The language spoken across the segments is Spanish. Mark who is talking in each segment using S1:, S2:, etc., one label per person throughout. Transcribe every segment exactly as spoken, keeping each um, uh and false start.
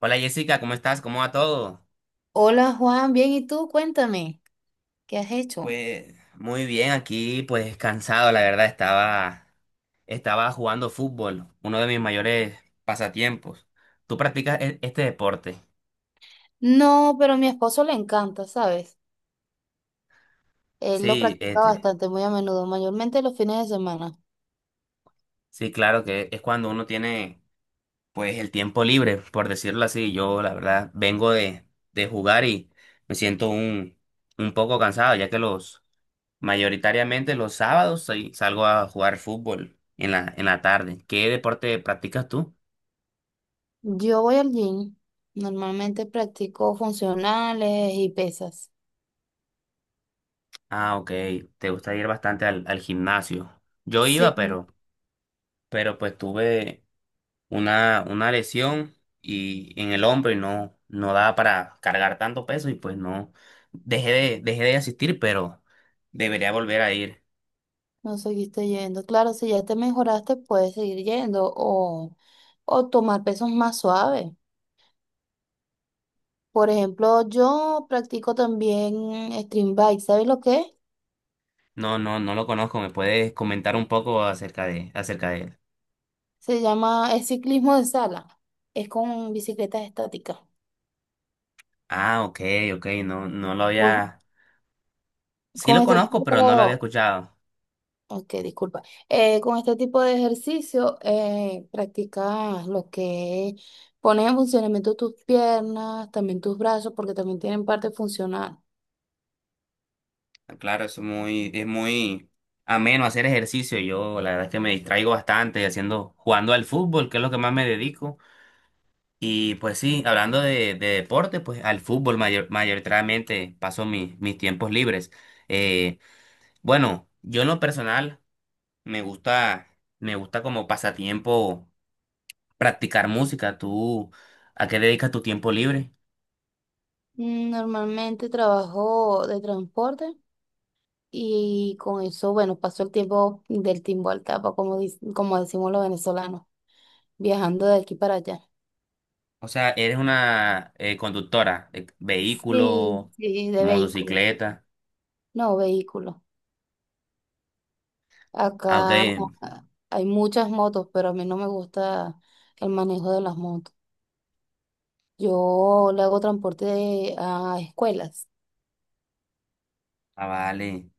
S1: Hola Jessica, ¿cómo estás? ¿Cómo va todo?
S2: Hola Juan, bien, ¿y tú? Cuéntame, ¿qué has hecho?
S1: Pues muy bien, aquí pues cansado, la verdad, estaba, estaba jugando fútbol, uno de mis mayores pasatiempos. ¿Tú practicas e- este deporte?
S2: No, pero a mi esposo le encanta, ¿sabes? Él lo
S1: Sí,
S2: practica
S1: este.
S2: bastante, muy a menudo, mayormente los fines de semana.
S1: Sí, claro que es cuando uno tiene pues el tiempo libre, por decirlo así. Yo la verdad vengo de, de jugar y me siento un, un poco cansado, ya que los mayoritariamente los sábados soy- salgo a jugar fútbol en la, en la tarde. ¿Qué deporte practicas tú?
S2: Yo voy al gym, normalmente practico funcionales y pesas.
S1: Ah, ok, te gusta ir bastante al, al gimnasio. Yo iba,
S2: Sí.
S1: pero, pero pues tuve una, una lesión y en el hombro, y no, no daba para cargar tanto peso y pues no dejé de, dejé de asistir, pero debería volver a ir.
S2: No seguiste yendo. Claro, si ya te mejoraste, puedes seguir yendo o, o tomar pesos más suaves. Por ejemplo, yo practico también stream bike, ¿sabes lo que es?
S1: No, no, no lo conozco. ¿Me puedes comentar un poco acerca de, acerca de él?
S2: Se llama es ciclismo de sala. Es con bicicletas estáticas.
S1: Ah, ok, ok, no, no lo
S2: Con,
S1: había. Sí
S2: con
S1: lo
S2: este
S1: conozco, pero no lo había
S2: tipo,
S1: escuchado.
S2: ok, disculpa. Eh, con este tipo de ejercicio eh, practicas lo que es pones en funcionamiento tus piernas, también tus brazos, porque también tienen parte funcional.
S1: Ah, claro, es muy, es muy ameno hacer ejercicio. Yo la verdad es que me distraigo bastante haciendo, jugando al fútbol, que es lo que más me dedico. Y pues sí, hablando de, de deporte, pues al fútbol mayor- mayoritariamente paso mis, mis tiempos libres. Eh, bueno, yo en lo personal me gusta, me gusta como pasatiempo practicar música. ¿Tú a qué dedicas tu tiempo libre?
S2: Mm, Normalmente trabajo de transporte y con eso, bueno, paso el tiempo del timbo al tapa, como, dic- como decimos los venezolanos, viajando de aquí para allá.
S1: O sea, eres una eh, conductora de
S2: Sí,
S1: vehículo,
S2: sí, de vehículo.
S1: motocicleta.
S2: No, vehículos.
S1: Ah, ok.
S2: Acá hay muchas motos, pero a mí no me gusta el manejo de las motos. Yo le hago transporte de- a escuelas
S1: Ah, vale.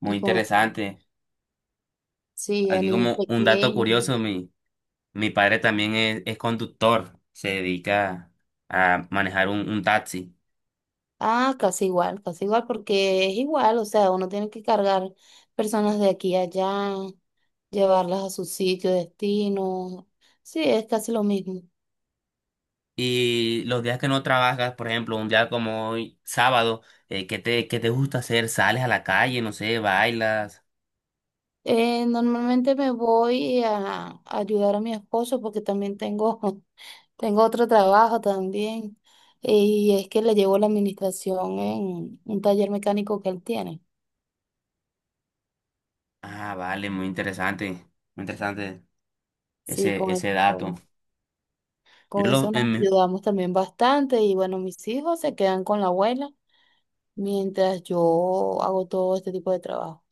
S1: Muy
S2: y con eso,
S1: interesante.
S2: sí, a
S1: Aquí
S2: niños
S1: como un dato curioso,
S2: pequeños.
S1: mi padre también es, es conductor, se dedica a manejar un, un taxi.
S2: Ah, casi igual, casi igual, porque es igual, o sea, uno tiene que cargar personas de aquí a allá, llevarlas a su sitio, de destino. Sí, es casi lo mismo.
S1: Y los días que no trabajas, por ejemplo, un día como hoy, sábado, eh, ¿qué te, qué te gusta hacer? ¿Sales a la calle? No sé, bailas.
S2: Eh, normalmente me voy a, a ayudar a mi esposo porque también tengo tengo otro trabajo también y es que le llevo la administración en un taller mecánico que él tiene.
S1: Ah, vale, muy interesante, muy interesante
S2: Sí,
S1: ese,
S2: con el-
S1: ese dato.
S2: con
S1: Yo
S2: con
S1: lo,
S2: eso nos
S1: en mi-
S2: ayudamos también bastante y bueno, mis hijos se quedan con la abuela mientras yo hago todo este tipo de trabajo.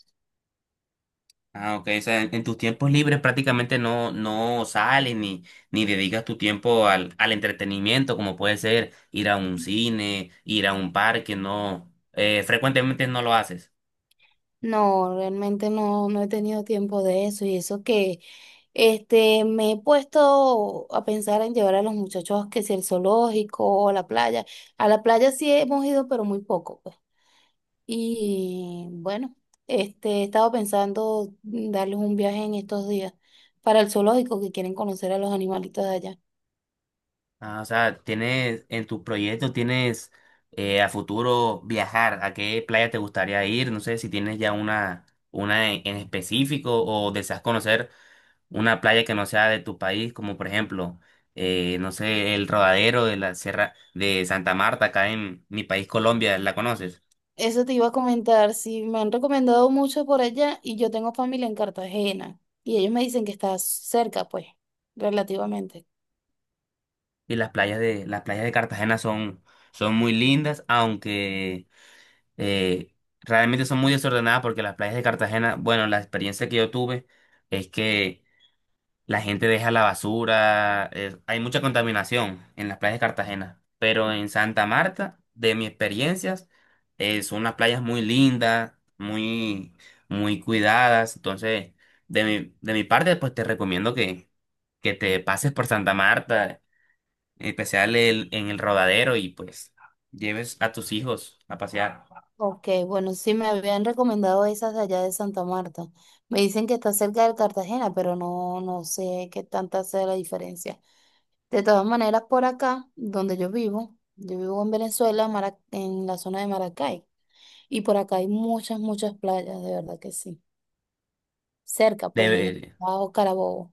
S1: Ah, ok. O sea, en, en tus tiempos libres prácticamente no, no sales ni, ni dedicas tu tiempo al, al entretenimiento, como puede ser ir a un cine, ir a un parque, no. Eh, frecuentemente no lo haces.
S2: No, realmente no, no he tenido tiempo de eso y eso que este, me he puesto a pensar en llevar a los muchachos que si el zoológico o la playa. A la playa sí hemos ido, pero muy poco. Y bueno, este, he estado pensando mm, darles un viaje en estos días para el zoológico que quieren conocer a los animalitos de allá.
S1: Ah, o sea, tienes en tu proyecto, tienes eh, a futuro viajar. ¿A qué playa te gustaría ir? No sé si tienes ya una, una en en específico o deseas conocer una playa que no sea de tu país, como por ejemplo, eh, no sé, el Rodadero de la Sierra de Santa Marta, acá en mi país Colombia, ¿la conoces?
S2: Eso te iba a comentar, si me han recomendado mucho por allá y yo tengo familia en Cartagena y ellos me dicen que está cerca, pues, relativamente.
S1: Y las playas de, las playas de Cartagena son, son muy lindas, aunque eh, realmente son muy desordenadas porque las playas de Cartagena, bueno, la experiencia que yo tuve es que la gente deja la basura. Eh, hay mucha contaminación en las playas de Cartagena, pero en Santa Marta, de mis experiencias, eh, son unas playas muy lindas, muy, muy cuidadas. Entonces, de mi, de mi parte, pues te recomiendo que, que te pases por Santa Marta, en especial el- en el Rodadero, y pues lleves a tus hijos a pasear.
S2: Ok, bueno, sí me habían recomendado esas de allá de Santa Marta. Me dicen que está cerca de Cartagena, pero no, no sé qué tanta sea la diferencia. De todas maneras, por acá, donde yo vivo, yo vivo en Venezuela, Mara- en la zona de Maracay, y por acá hay muchas, muchas playas, de verdad que sí. Cerca, pues, en el
S1: Debe.
S2: Bajo Carabobo.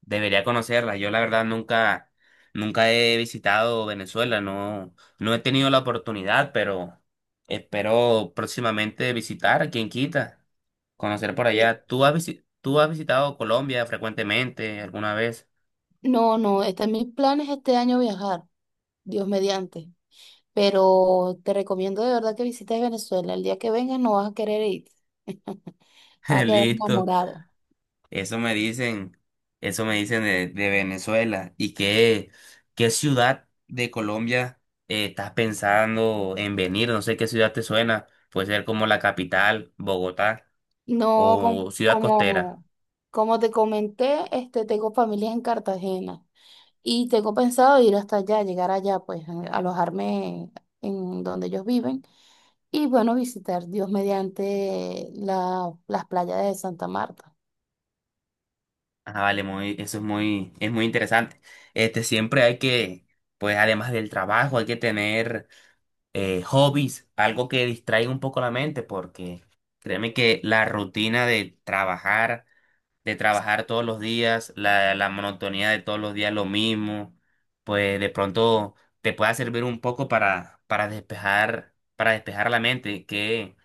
S1: Debería conocerla. Yo la verdad nunca, nunca he visitado Venezuela, no, no he tenido la oportunidad, pero espero próximamente visitar, quien quita, conocer por
S2: Y-
S1: allá. ¿Tú has visi- tú has visitado Colombia frecuentemente alguna vez?
S2: No, no, están mis planes este año viajar, Dios mediante, pero te recomiendo de verdad que visites Venezuela. El día que vengas no vas a querer ir, vas a quedar
S1: Listo.
S2: enamorado.
S1: Eso me dicen, eso me dicen de, de Venezuela. ¿Y qué, qué ciudad de Colombia eh, estás pensando en venir? No sé qué ciudad te suena. Puede ser como la capital, Bogotá.
S2: No, como,
S1: ¿O ciudad costera?
S2: como, como te comenté, este, tengo familias en Cartagena. Y tengo pensado ir hasta allá, llegar allá, pues a- alojarme en donde ellos viven y bueno, visitar Dios mediante la- las playas de Santa Marta.
S1: Ah, vale, muy, eso es muy, es muy interesante. Este, siempre hay que, pues además del trabajo, hay que tener eh, hobbies, algo que distraiga un poco la mente, porque créeme que la rutina de trabajar, de trabajar todos los días, la, la monotonía de todos los días lo mismo, pues de pronto te pueda servir un poco para, para despejar, para despejar la mente, que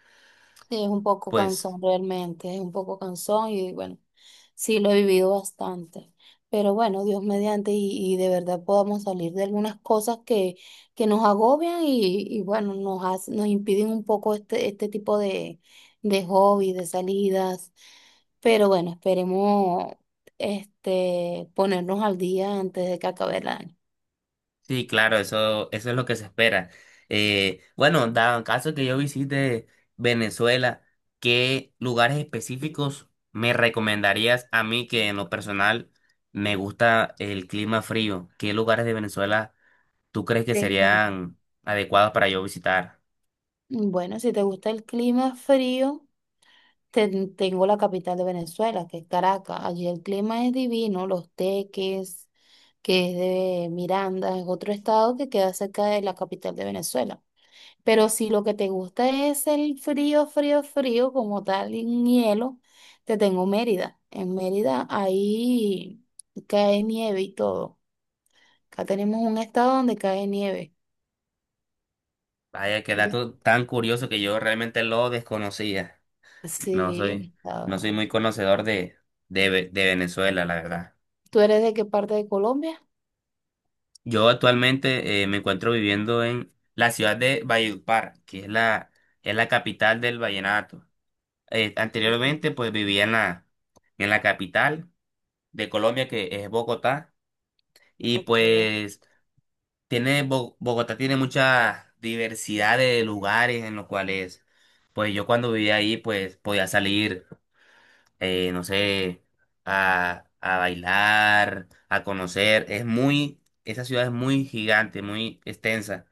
S2: Sí, es un poco
S1: pues
S2: cansón realmente, es un poco cansón y bueno, sí lo he vivido bastante. Pero bueno, Dios mediante y, y de verdad podamos salir de algunas cosas que, que nos agobian y, y bueno, nos, hace- nos impiden un poco este, este tipo de, de hobbies, de salidas. Pero bueno, esperemos este, ponernos al día antes de que acabe el año.
S1: sí, claro, eso, eso es lo que se espera. Eh, bueno, dado caso que yo visite Venezuela, ¿qué lugares específicos me recomendarías a mí, que en lo personal me gusta el clima frío? ¿Qué lugares de Venezuela tú crees que
S2: Sí.
S1: serían adecuados para yo visitar?
S2: Bueno, si te gusta el clima frío. Ten- tengo la capital de Venezuela, que es Caracas. Allí el clima es divino, los teques, que es de Miranda, es otro estado que queda cerca de la capital de Venezuela. Pero si lo que te gusta es el frío, frío, frío, como tal, en hielo, te tengo Mérida. En Mérida ahí cae nieve y todo. Acá tenemos un estado donde cae nieve.
S1: Vaya, qué
S2: Ujú.
S1: dato tan curioso que yo realmente lo desconocía. No
S2: Sí, el
S1: soy, no soy
S2: estado.
S1: muy conocedor de, de, Ve- de Venezuela, la verdad.
S2: ¿Tú eres de qué parte de Colombia?
S1: Yo actualmente eh, me encuentro viviendo en la ciudad de Valledupar, que es la, es la capital del vallenato. Eh,
S2: Ujú.
S1: anteriormente, pues vivía en la, en la capital de Colombia, que es Bogotá, y
S2: Ok.
S1: pues tiene, Bo- Bogotá tiene mucha diversidad de lugares en los cuales, pues yo cuando vivía ahí, pues podía salir, eh, no sé, a, a bailar, a conocer. Es muy, esa ciudad es muy gigante, muy extensa.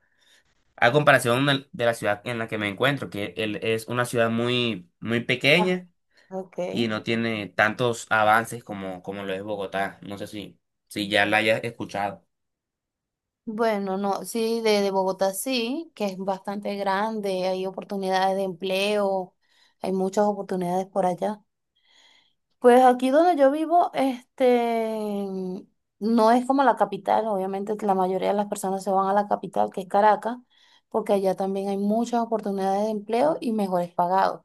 S1: A comparación del- de la ciudad en la que me encuentro, que el- es una ciudad muy, muy
S2: Ah,
S1: pequeña
S2: ok.
S1: y no tiene tantos avances como, como lo es Bogotá. No sé si, si ya la hayas escuchado.
S2: Bueno, no, sí, de, de Bogotá sí, que es bastante grande, hay oportunidades de empleo, hay muchas oportunidades por allá. Pues aquí donde yo vivo, este, no es como la capital, obviamente la mayoría de las personas se van a la capital, que es Caracas, porque allá también hay muchas oportunidades de empleo y mejores pagados.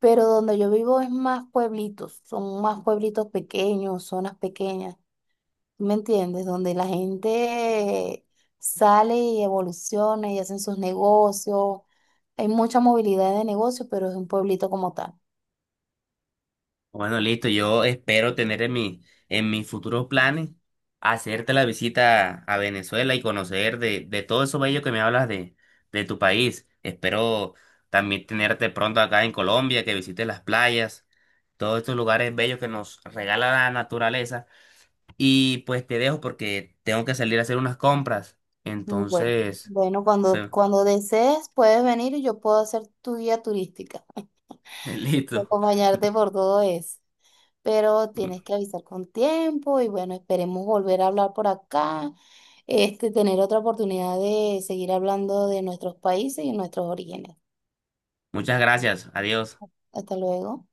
S2: Pero donde yo vivo es más pueblitos, son más pueblitos pequeños, zonas pequeñas. ¿Me entiendes? Donde la gente sale y evoluciona y hacen sus negocios. Hay mucha movilidad de negocios, pero es un pueblito como tal.
S1: Bueno, listo. Yo espero tener en mi, en mis futuros planes hacerte la visita a Venezuela y conocer de, de todo eso bello que me hablas de, de tu país. Espero también tenerte pronto acá en Colombia, que visites las playas, todos estos lugares bellos que nos regala la naturaleza. Y pues te dejo porque tengo que salir a hacer unas compras.
S2: Mm, Bueno,
S1: Entonces,
S2: bueno, cuando,
S1: fue-
S2: cuando desees puedes venir y yo puedo hacer tu guía turística y
S1: listo.
S2: acompañarte por todo eso. Pero tienes que avisar con tiempo y bueno, esperemos volver a hablar por acá, este, tener otra oportunidad de seguir hablando de nuestros países y nuestros orígenes.
S1: Muchas gracias. Adiós.
S2: Hasta luego.